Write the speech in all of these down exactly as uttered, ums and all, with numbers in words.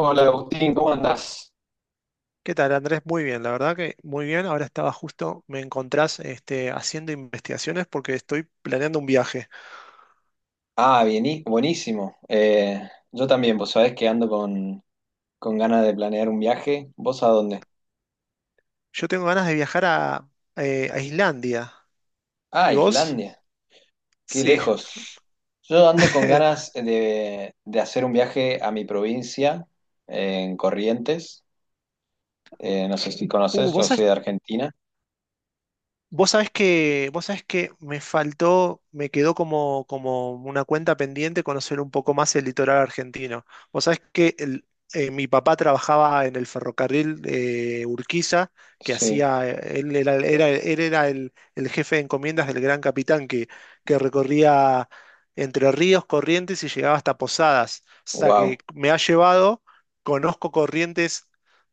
Hola Agustín, ¿cómo andás? ¿Qué tal, Andrés? Muy bien, la verdad que muy bien. Ahora estaba justo, me encontrás este, haciendo investigaciones porque estoy planeando un viaje. Ah, bien, buenísimo. Eh, yo también, vos sabés que ando con, con ganas de planear un viaje. ¿Vos a dónde? Yo tengo ganas de viajar a, eh, a Islandia. Ah, ¿Y vos? Islandia, qué Sí. lejos. Yo ando con ganas de, de hacer un viaje a mi provincia, eh, en Corrientes. Eh, no sé si Uh, conoces, yo vos soy de Argentina. Vos sabés que, vos sabés que me faltó, me quedó como, como una cuenta pendiente conocer un poco más el litoral argentino. Vos sabés que el- eh, mi papá trabajaba en el ferrocarril de Urquiza, que Sí, hacía, él era, era- él era el, el jefe de encomiendas del Gran Capitán, que, que recorría Entre Ríos, Corrientes y llegaba hasta Posadas. O sea wow, que me ha llevado, conozco Corrientes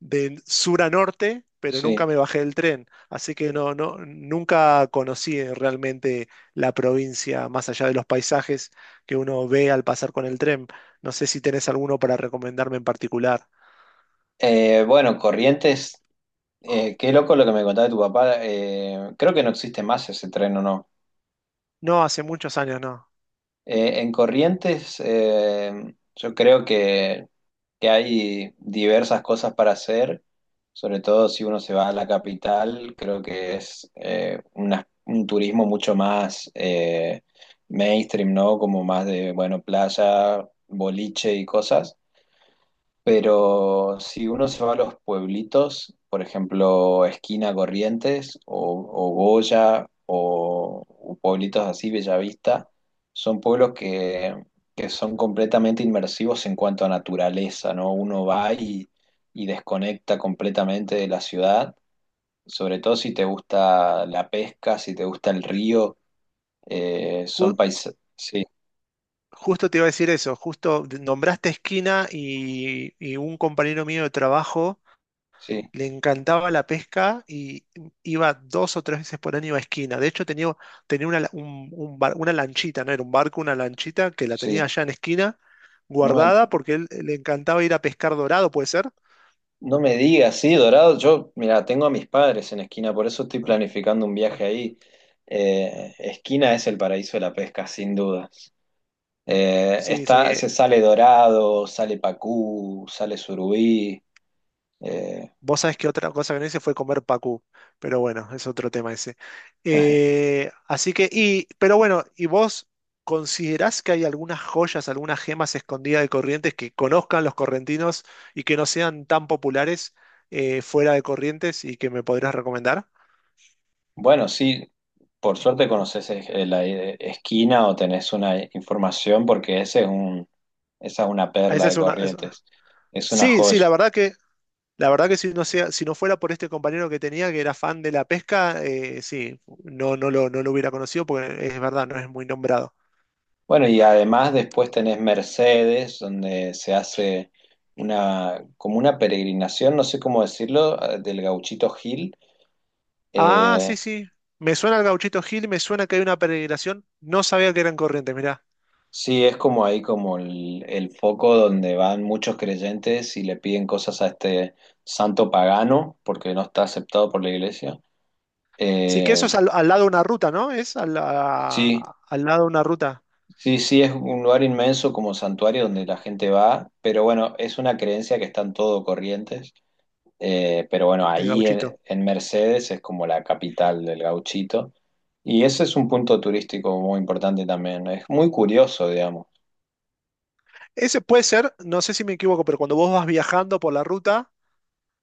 de sur a norte, pero sí. nunca me bajé del tren. Así que no, no, nunca conocí eh, realmente la provincia más allá de los paisajes que uno ve al pasar con el tren. No sé si tenés alguno para recomendarme en particular. Eh, bueno, Corrientes, eh, qué loco lo que me contaba de tu papá. Eh, creo que no existe más ese tren, ¿o no? No, hace muchos años no. Eh, en Corrientes, eh, yo creo que, que hay diversas cosas para hacer, sobre todo si uno se va a la capital, creo que es eh, una- un turismo mucho más eh, mainstream, ¿no? Como más de, bueno, playa, boliche y cosas. Pero si uno se va a los pueblitos, por ejemplo, Esquina Corrientes o, o Goya o, o pueblitos así, Bellavista, son pueblos que, que son completamente inmersivos en cuanto a naturaleza, ¿no? Uno va y, y desconecta completamente de la ciudad, sobre todo si te gusta la pesca, si te gusta el río, eh, Ju- son paisajes... Sí, justo te iba a decir eso, justo nombraste Esquina y, y un compañero mío de trabajo sí, le encantaba la pesca y iba dos o tres veces por año a esquina. De hecho, tenía, tenía una, la- un- un bar- una lanchita, no era un barco, una lanchita que la tenía sí. allá en esquina, No me guardada, porque él le encantaba ir a pescar dorado, ¿puede ser? No me digas, sí, Dorado. Yo, mira, tengo a mis padres en Esquina, por eso estoy Ah, planificando un viaje ah. ahí. Eh, Esquina es el paraíso de la pesca, sin duda. Eh, Sí, está, sí, se sale Dorado, sale Pacú, sale Surubí. eh, Vos sabés que otra cosa que no hice fue comer pacú, pero bueno, es otro tema ese. Eh, así que, y, pero bueno, ¿y vos considerás que hay algunas joyas, algunas gemas escondidas de Corrientes que conozcan los correntinos y que no sean tan populares eh, fuera de Corrientes y que me podrías recomendar? bueno, sí, por suerte conoces es- eh, la eh, Esquina o tenés una información, porque ese es un, esa es una Ah, perla Esa de es una. es- Corrientes. Es una Sí, sí, joya. la verdad que, la verdad que si no sea, si no fuera por este compañero que tenía que era fan de la pesca, eh, sí, no, no lo, no lo hubiera conocido porque es verdad, no es muy nombrado. Bueno, y además después tenés Mercedes, donde se hace una, como una peregrinación, no sé cómo decirlo, eh, del Gauchito Gil. Ah, Eh, sí, sí. Me suena el Gauchito Gil, me suena que hay una peregrinación. No sabía que eran corrientes, mirá. sí, es como ahí como el, el foco donde van muchos creyentes y le piden cosas a este santo pagano, porque no está aceptado por la iglesia. Sí que Eh, eso es al, al lado de una ruta, ¿no? Es al, sí, a- al lado de una ruta, sí, sí, es un lugar inmenso como santuario donde la gente va, pero bueno, es una creencia que está en todo Corrientes. Eh, pero bueno, el ahí Gauchito. en, en Mercedes es como la capital del gauchito. Y ese es un punto turístico muy importante también. Es muy curioso, digamos. Ese puede ser, no sé si me equivoco, pero cuando vos vas viajando por la ruta,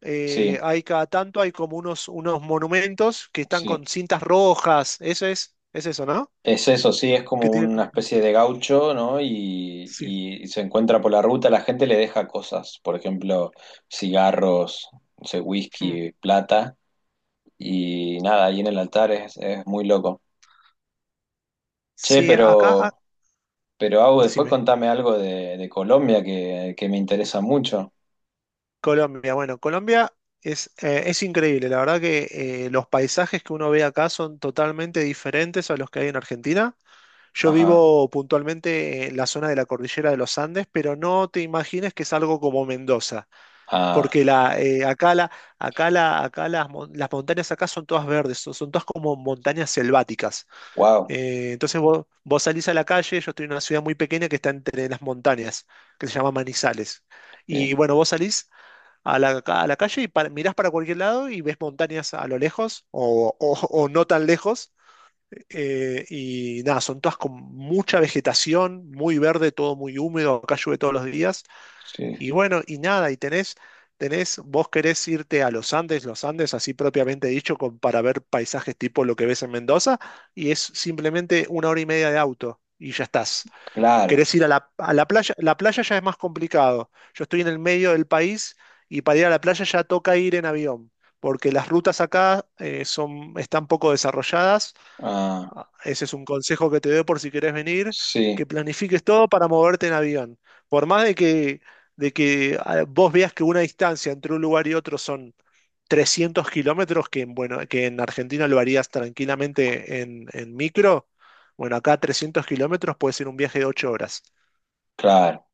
eh, Sí, hay cada tanto, hay como unos, unos monumentos que están sí. con cintas rojas. Eso es, es eso, ¿no? Es eso, sí, es como Que tiene. una especie de gaucho, ¿no? Y, Sí. y se encuentra por la ruta, la gente le deja cosas, por ejemplo, cigarros, no sé, Mm. whisky, plata, y nada, ahí en el altar es, es muy loco. Che, Sí, acá, ah, pero, pero Au, después decime. contame algo de, de Colombia que, que me interesa mucho. Colombia, bueno, Colombia es, eh, es increíble, la verdad que eh, los paisajes que uno ve acá son totalmente diferentes a los que hay en Argentina. Yo Ajá. vivo puntualmente en la zona de la cordillera de los Andes, pero no te imagines que es algo como Mendoza, Ah, porque la, eh, acá, la, acá, la, acá las, mon- las montañas acá son todas verdes, son, son todas como montañas selváticas. wow. Eh, entonces vos, vos salís a la calle, yo estoy en una ciudad muy pequeña que está entre las montañas, que se llama Manizales. Sí, Y bueno, vos salís a la, ca- a la calle y pa- mirás para cualquier lado y ves montañas a lo lejos o, o- o no tan lejos. Eh, y nada, son todas con mucha vegetación, muy verde, todo muy húmedo, acá llueve todos los días. sí, Y bueno, y nada, y tenés, tenés, vos querés irte a los Andes, los Andes, así propiamente dicho, con, para ver paisajes tipo lo que ves en Mendoza, y es simplemente una hora y media de auto y ya estás. claro. Querés ir a la, a la playa, la playa ya es más complicado. Yo estoy en el medio del país y para ir a la playa ya toca ir en avión, porque las rutas acá eh, son, están poco desarrolladas. Ah, Ah, ese es un consejo que te doy por si querés venir, sí, que planifiques todo para moverte en avión. Por más de que, de que ah, vos veas que una distancia entre un lugar y otro son trescientos kilómetros, que, en, bueno, que en Argentina lo harías tranquilamente en, en micro. Bueno, acá trescientos kilómetros puede ser un viaje de ocho horas. claro.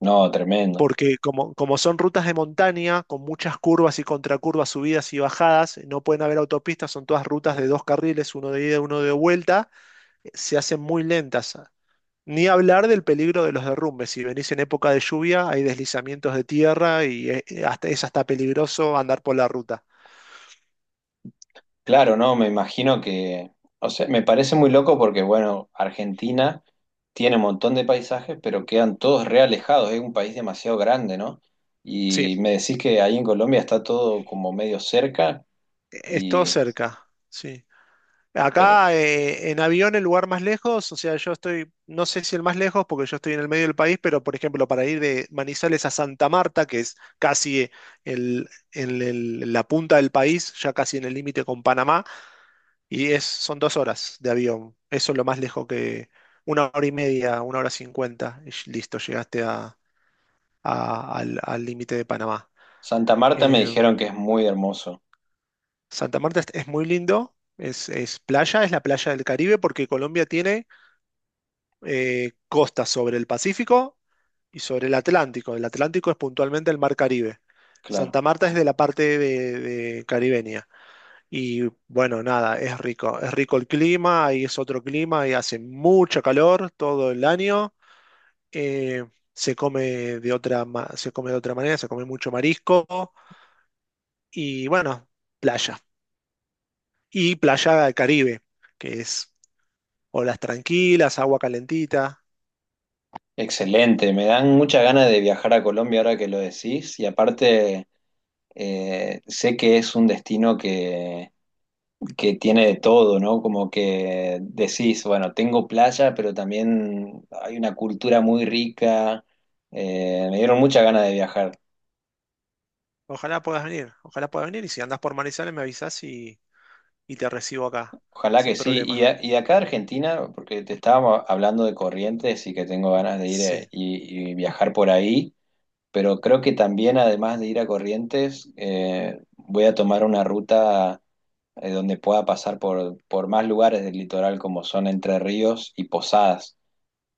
No, tremendo. Porque como, como son rutas de montaña, con muchas curvas y contracurvas, subidas y bajadas, no pueden haber autopistas, son todas rutas de dos carriles, uno de ida y uno de vuelta, eh, se hacen muy lentas. Ni hablar del peligro de los derrumbes. Si venís en época de lluvia, hay deslizamientos de tierra y eh, hasta, es hasta peligroso andar por la ruta. Claro, no, me imagino que, o sea, me parece muy loco porque, bueno, Argentina tiene un montón de paisajes, pero quedan todos re alejados. Es un país demasiado grande, ¿no? Sí, Y me decís que ahí en Colombia está todo como medio cerca es todo y, cerca. Sí. pero Acá eh, en avión el lugar más lejos, o sea, yo estoy, no sé si el más lejos porque yo estoy en el medio del país, pero por ejemplo para ir de Manizales a Santa Marta, que es casi eh, el, en el- la punta del país, ya casi en el límite con Panamá, y es, son dos horas de avión. Eso es lo más lejos que una hora y media, una hora cincuenta, y ll- listo, llegaste a- a- al al límite de Panamá. Santa Marta me dijeron Em, que es muy hermoso. Santa Marta es, es muy lindo, es, es playa, es la playa del Caribe porque Colombia tiene eh, costas sobre el Pacífico y sobre el Atlántico. El Atlántico es puntualmente el mar Caribe. Claro. Santa Marta es de la parte de, de caribeña. Y bueno, nada, es rico. Es rico el clima, ahí es otro clima, y hace mucho calor todo el año. Eh, se come de otra, ma- se come de otra manera, se come mucho marisco y bueno, playa. Y playa del Caribe, que es olas tranquilas, agua calentita. Excelente, me dan muchas ganas de viajar a Colombia ahora que lo decís y aparte eh, sé que es un destino que, que tiene de todo, ¿no? Como que decís, bueno, tengo playa, pero también hay una cultura muy rica, eh, me dieron muchas ganas de viajar, Ojalá puedas venir, ojalá puedas venir y si andas por Manizales me avisas y, y te recibo acá, ojalá sin que sí. Y, problema. A- y de acá de Argentina, porque te estábamos hablando de Corrientes y que tengo ganas de ir Sí. eh, y y viajar por ahí. Pero creo que también, además de ir a Corrientes, eh, voy a tomar una ruta eh, donde pueda pasar por, por más lugares del litoral, como son Entre Ríos y Posadas,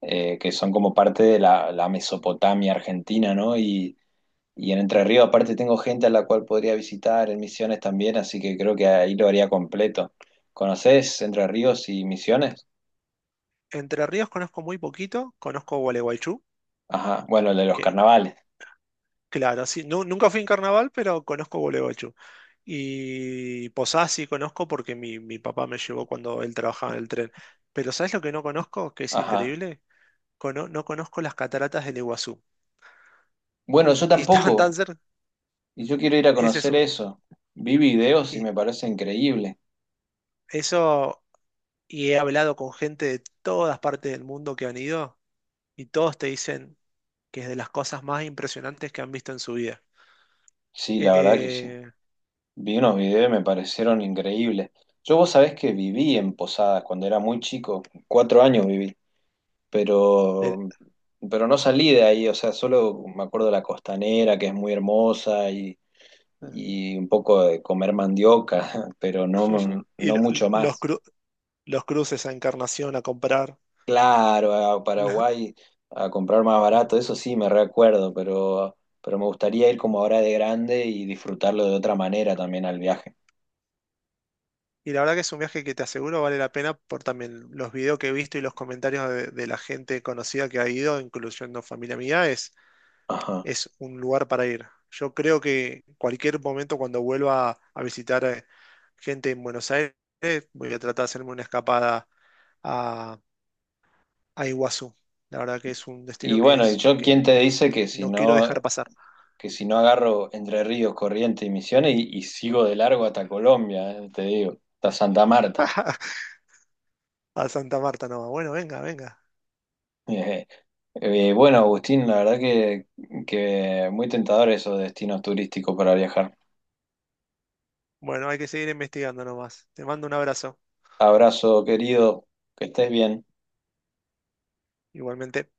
eh, que son como parte de la, la Mesopotamia argentina, ¿no? Y, y en Entre Ríos, aparte, tengo gente a la cual podría visitar, en Misiones también, así que creo que ahí lo haría completo. ¿Conocés Entre Ríos y Misiones? Entre Ríos conozco muy poquito, conozco Gualeguaychú, Ajá, bueno, el de los que carnavales. claro, sí, nu- nunca fui en carnaval, pero conozco Gualeguaychú. Y Posadas sí conozco porque mi, mi papá me llevó cuando él trabajaba en el tren. Pero ¿sabes lo que no conozco? Que es Ajá. increíble. Cono- no conozco las cataratas del Iguazú. Bueno, yo Y estaban tampoco. tan cerca. Y yo quiero ir a Ese es conocer un. eso. Vi videos y Y me parece increíble. eso. Y he hablado con gente de todas partes del mundo que han ido. Y todos te dicen que es de las cosas más impresionantes que han visto en su vida. Sí, la verdad que sí. Eh, Vi unos videos y me parecieron increíbles. Yo vos sabés que viví en Posadas cuando era muy chico, cuatro años viví, el- pero, pero no salí de ahí, o sea, solo me acuerdo de la costanera, que es muy hermosa, y, y un poco de comer mandioca, pero no, y no lo- mucho los, más. cru- los cruces a Encarnación a comprar. Claro, a ¿No? Paraguay a comprar más barato, eso sí me recuerdo, pero, pero me gustaría ir como ahora de grande y disfrutarlo de otra manera también al viaje. Y la verdad que es un viaje que te aseguro vale la pena por también los videos que he visto y los comentarios de, de la gente conocida que ha ido, incluyendo familia mía, es, Ajá. es un lugar para ir. Yo creo que cualquier momento cuando vuelva a visitar eh, gente en Buenos Aires, voy a tratar de hacerme una escapada a Iguazú. La verdad que es un Y destino que bueno, y es yo, ¿quién que te dice que si no quiero no, dejar pasar. que si no agarro Entre Ríos, Corrientes y Misiones y, y sigo de largo hasta Colombia, eh, te digo, ¿hasta Santa Marta? A Santa Marta nomás. Bueno, venga, venga. Eh, eh, bueno, Agustín, la verdad que, que muy tentador esos destinos turísticos para viajar. Bueno, hay que seguir investigando nomás. Te mando un abrazo. Abrazo, querido, que estés bien. Igualmente.